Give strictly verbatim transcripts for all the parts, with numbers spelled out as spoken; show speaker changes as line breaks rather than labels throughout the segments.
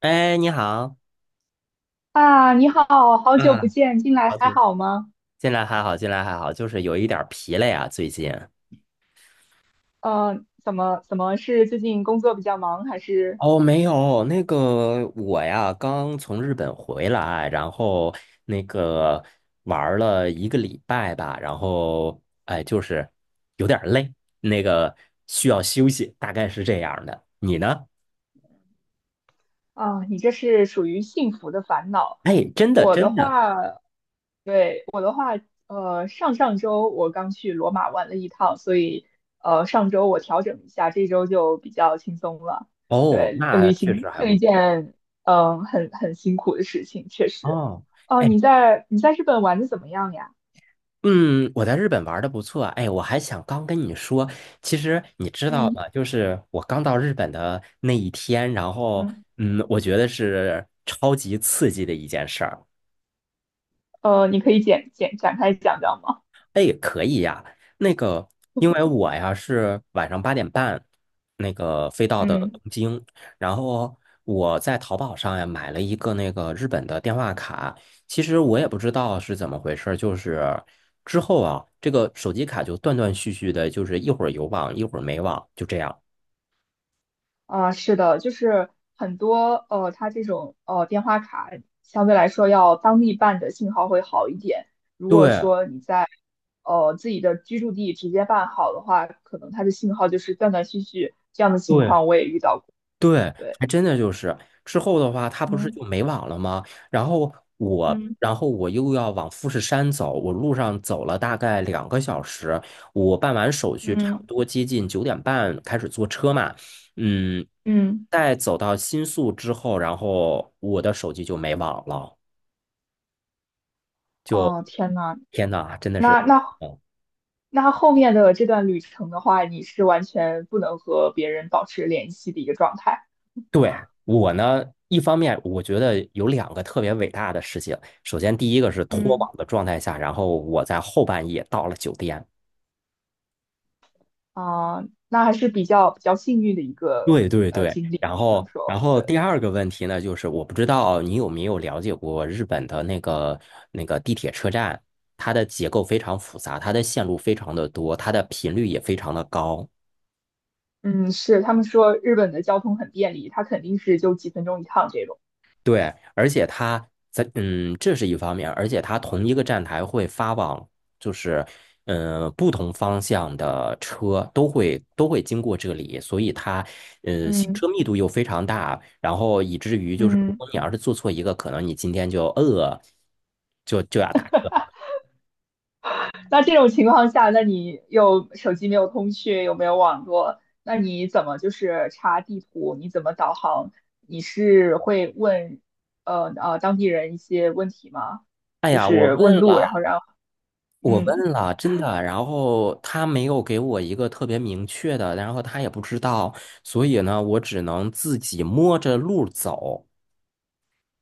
哎，你好，
啊，你好，好久不
嗯，
见，近来
好
还
久
好吗？
近来还好，进来还好，就是有一点儿疲累啊，最近。
呃，怎么怎么是最近工作比较忙，还是
哦，没有，那个我呀，刚从日本回来，然后那个玩儿了一个礼拜吧，然后哎，就是有点儿累，那个需要休息，大概是这样儿的。你呢？
啊，你这是属于幸福的烦恼。
哎，真的
我的
真的，
话，对，我的话，呃，上上周我刚去罗马玩了一趟，所以呃，上周我调整一下，这周就比较轻松了。
哦，
对，呃
那
旅
确
行
实还
是
不
一件
错
嗯、呃很很辛苦的事情，确实。
哦。
哦、
哎
你在你在日本玩的怎么样呀？
嗯，我在日本玩的不错。哎，我还想刚跟你说，其实你知道
嗯
吗？就是我刚到日本的那一天，然后
嗯。
嗯，我觉得是超级刺激的一件事儿。
呃，你可以简简展开讲讲吗？
那个，因为我呀是晚上八点半那个飞到的
嗯，
东京，然后我在淘宝上呀买了一个那个日本的电话卡。其实我也不知道是怎么回事儿就是之后啊，这个手机卡就断断续续的，就是一会儿有网，一会儿没网，就这样。
啊、是的，就是很多呃，它这种呃电话卡相对来说要当地办的信号会好一点。如果
对
说你在呃自己的居住地直接办好的话，可能它的信号就是断断续续，这样的情
对，
况我也遇到过。
对，
对，
还真的就是之后的话，他不是就
嗯
没网了吗？然后我，
嗯
然后我又要往富士山走，我路上走了大概两个小时，我办完手续，差不
嗯
多接近九点半开始坐车嘛，嗯，
嗯，
在走到新宿之后，然后我的手机就没网了，就
哦，天呐，
天呐，真的是，
那那
嗯
那后面的这段旅程的话，你是完全不能和别人保持联系的一个状态。
对，我呢，一方面我觉得有两个特别伟大的事情。首先，第一个是脱
嗯
网的状态下，然后我在后半夜到了酒店。
啊，那还是比较比较幸运的一个
对对
呃
对，
经历，
然
只能
后然
说
后
对，
第二个问题呢，就是我不知道你有没有了解过日本的那个那个地铁车站，它的结构非常复杂，它的线路非常的多，它的频率也非常的高。
嗯，是他们说日本的交通很便利，它肯定是就几分钟一趟这种，
对，而且它在嗯，这是一方面，而且它同一个站台会发往，就是嗯、呃不同方向的车都会都会经过这里，所以它呃行
嗯
车密度又非常大，然后以至于就是如
嗯，
果你要是做错一个，可能你今天就呃就就要打车了。
那这种情况下，那你又手机没有通讯，又没有网络，那你怎么就是查地图，你怎么导航？你是会问呃呃当地人一些问题吗？
哎
就
呀，我
是
问
问路，然后
了。
让
我
嗯
问了，真的，然后他没有给我一个特别明确的，然后他也不知道，所以呢，我只能自己摸着路走。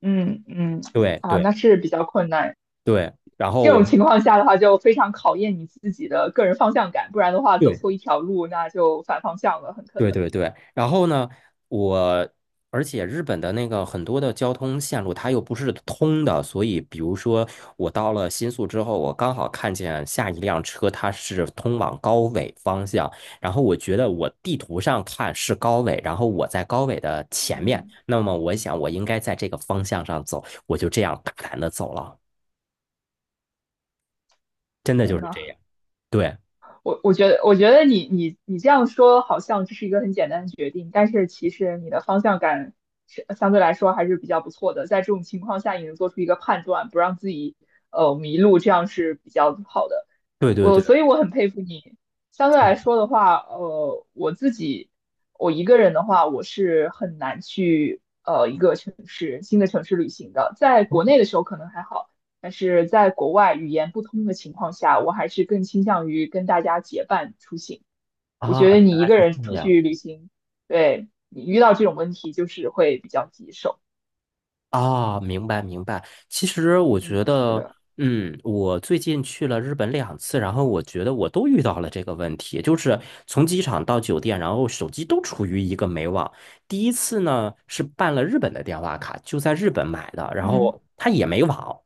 嗯嗯
对
啊，
对
那是比较困难。
对，然后
这
我
种情况下的话，就非常考验你自己的个人方向感，不然的话，走
对
错一条路，那就反方向了，很可
对
能。
对对，然后呢，我而且日本的那个很多的交通线路它又不是通的，所以比如说我到了新宿之后，我刚好看见下一辆车它是通往高尾方向，然后我觉得我地图上看是高尾，然后我在高尾的前面，
嗯，
那么我想我应该在这个方向上走，我就这样大胆的走了，真的就
天
是这
哪！
样，对
我我觉得，我觉得你你你这样说好像这是一个很简单的决定，但是其实你的方向感是相对来说还是比较不错的。在这种情况下，你能做出一个判断，不让自己呃迷路，这样是比较好的。
对对
我
对
所以我很佩服你。相对来说的话，呃，我自己我一个人的话，我是很难去呃一个城市新的城市旅行的。在国内的时候可能还好，但是在国外语言不通的情况下，我还是更倾向于跟大家结伴出行。我
啊，
觉得你一个人
这
出
样
去旅行，对你遇到这种问题就是会比较棘手。
啊，明白明白。其实我
嗯，
觉
是
得，
的，
嗯，我最近去了日本两次，然后我觉得我都遇到了这个问题，就是从机场到酒店，然后手机都处于一个没网。第一次呢是办了日本的电话卡，就在日本买的，然
嗯
后它也没网。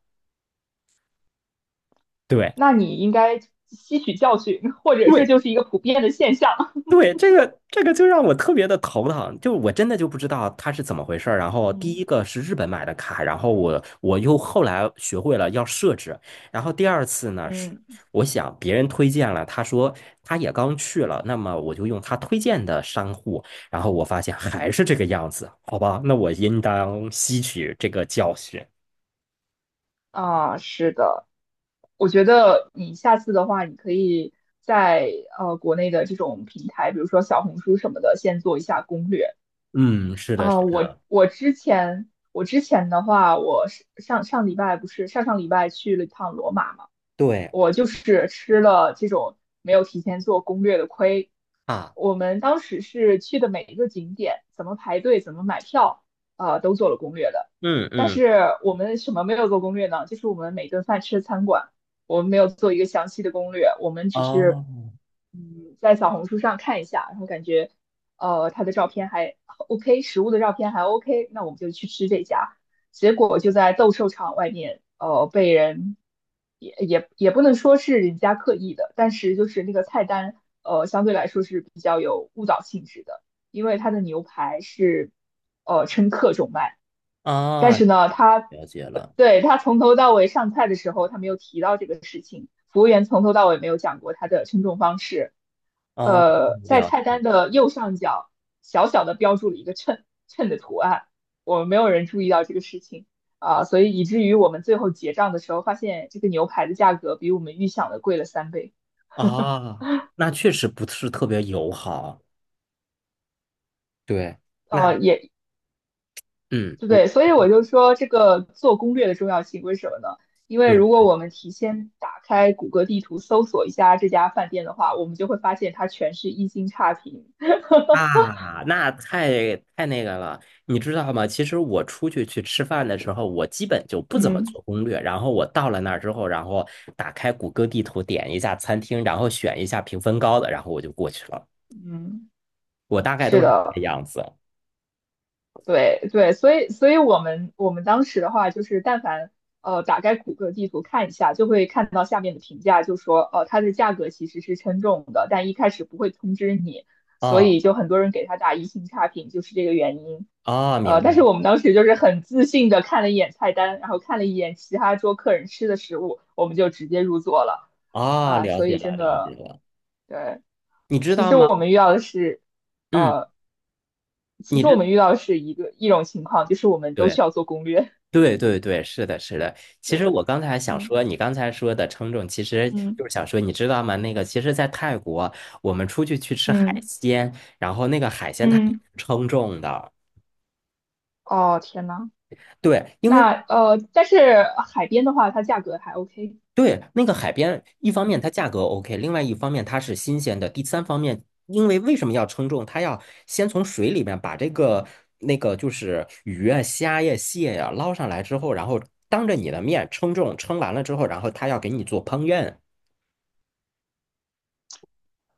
对。
那你应该吸取教训，或者这
对
就是一个普遍的现象。
对，这个这个就让我特别的头疼，就我真的就不知道他是怎么回事儿。然后第
嗯
一个是日本买的卡，然后我我又后来学会了要设置。然后第二次呢，是
嗯
我想别人推荐了，他说他也刚去了，那么我就用他推荐的商户，然后我发现还是这个样子，好吧，那我应当吸取这个教训。
啊，是的，我觉得你下次的话，你可以在呃国内的这种平台，比如说小红书什么的，先做一下攻略。
嗯，是的，
啊，
是
我
的，
我之前我之前的话，我是上上礼拜不是上上礼拜去了一趟罗马嘛，
对
我就是吃了这种没有提前做攻略的亏。
啊，
我们当时是去的每一个景点，怎么排队，怎么买票，呃，都做了攻略的。
嗯
但
嗯，
是我们什么没有做攻略呢？就是我们每顿饭吃的餐馆，我们没有做一个详细的攻略，我们只是
哦
嗯，在小红书上看一下，然后感觉呃他的照片还 OK，食物的照片还 OK，那我们就去吃这家。结果就在斗兽场外面，呃，被人也也也不能说是人家刻意的，但是就是那个菜单，呃，相对来说是比较有误导性质的，因为它的牛排是呃称克重卖，但
哦，
是呢，它
了解了，
对，他从头到尾上菜的时候，他没有提到这个事情。服务员从头到尾没有讲过他的称重方式。
哦，
呃，在
了。
菜单的右上角小小的标注了一个秤秤的图案，我们没有人注意到这个事情啊，呃所以以至于我们最后结账的时候，发现这个牛排的价格比我们预想的贵了三倍。
啊，那确实不是特别友好。对，那
呃，也
嗯，我
对，所以我就说这个做攻略的重要性，为什么呢？因为如
对
果我们提前打开谷歌地图搜索一下这家饭店的话，我们就会发现它全是一星差评。
啊，那太太那个了，你知道吗？其实我出去去吃饭的时候，我基本就不怎么
嗯
做攻略。然后我到了那儿之后，然后打开谷歌地图，点一下餐厅，然后选一下评分高的，然后我就过去了。
嗯，
我大概
是
都是这个
的。
样子。
对对，所以所以我们我们当时的话，就是但凡呃打开谷歌地图看一下，就会看到下面的评价，就说呃它的价格其实是称重的，但一开始不会通知你，所
哦
以就很多人给它打一星差评，就是这个原因。
哦，
呃，
明白
但是
了。
我们当时就是很自信的看了一眼菜单，然后看了一眼其他桌客人吃的食物，我们就直接入座了
哦，
啊，
了
所
解
以真
了，了解
的
了。
对
你知
其
道
实
吗？
我们遇到的是，
嗯，
呃，其
你
实我
知
们遇到的是一个一种情况，就是我们都
对。
需要做攻略。
对 对对，是的，是的。其实
对，
我刚才想
嗯
说，你刚才说的称重，其实
嗯
就是想说，你知道吗？那个，其实，在泰国，我们出去去吃海
嗯
鲜，然后那个海鲜它也是
嗯，
称重的。
哦天呐，
对，因为
那呃，但是海边的话，它价格还 OK。
对那个海边，一方面它
嗯，
价格 OK，另外一方面它是新鲜的，第三方面，因为为什么要称重？它要先从水里面把这个那个就是鱼啊、虾呀、蟹呀捞上来之后，然后当着你的面称重，称完了之后，然后他要给你做烹饪。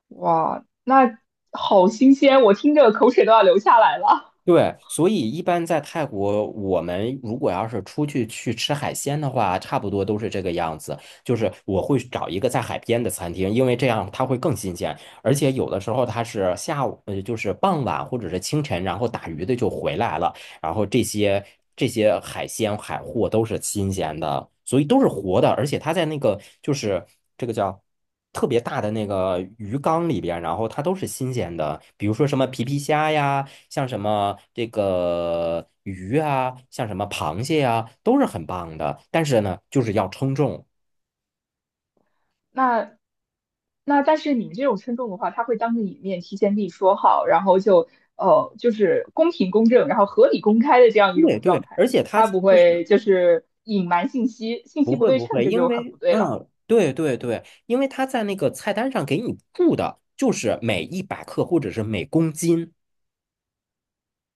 哇，那好新鲜，我听着口水都要流下来了。
对，所以一般在泰国，我们如果要是出去去吃海鲜的话，差不多都是这个样子。就是我会找一个在海边的餐厅，因为这样它会更新鲜，而且有的时候它是下午，呃，就是傍晚或者是清晨，然后打鱼的就回来了，然后这些这些海鲜海货都是新鲜的，所以都是活的，而且它在那个就是这个叫。特别大的那个鱼缸里边，然后它都是新鲜的，比如说什么皮皮虾呀，像什么这个鱼啊，像什么螃蟹啊，都是很棒的。但是呢，就是要称重。
那那但是你们这种称重的话，他会当着你面提前跟你说好，然后就呃就是公平公正，然后合理公开的这样一种
对
状
对，
态，
而且它
他不
就是
会就是隐瞒信息，信
不
息不
会
对
不
称，
会，
这
因
就很
为
不对了。
嗯，对对对，因为它在那个菜单上给你注的就是每一百克或者是每公斤。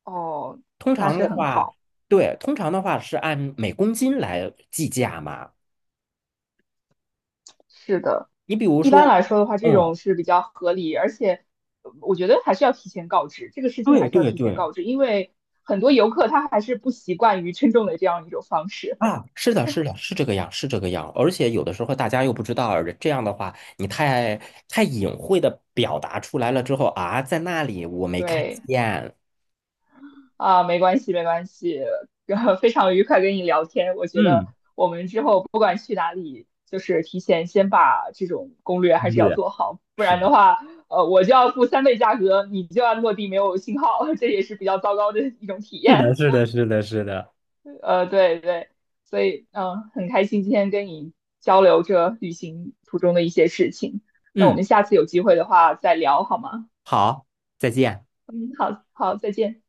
哦，
通
那
常
是
的
很
话，
好，
对，通常的话是按每公斤来计价嘛。
是的。
你比如
一般
说，
来说的话，这
嗯，
种是比较合理，而且呃我觉得还是要提前告知，这个事情
对
还是要
对
提前
对。
告知，因为很多游客他还是不习惯于 称重的这样一种方式。
啊，是的，是的，是这个样，是这个样。而且有的时候大家又不知道，这样的话，你太太隐晦的表达出来了之后啊，在那里我没看
对。
见。
啊，没关系，没关系，呃非常愉快跟你聊天。我觉得
嗯，
我们之后不管去哪里，就是提前先把这种攻略还是要
对，
做好，不
是
然的
的，
话，呃，我就要付三倍价格，你就要落地没有信号，这也是比较糟糕的一种体
是的，
验。
是的，是的，是的。
呃，对对，所以嗯、呃很开心今天跟你交流这旅行途中的一些事情。那我
嗯，
们下次有机会的话再聊好吗？
好，再见。
嗯，好好，再见。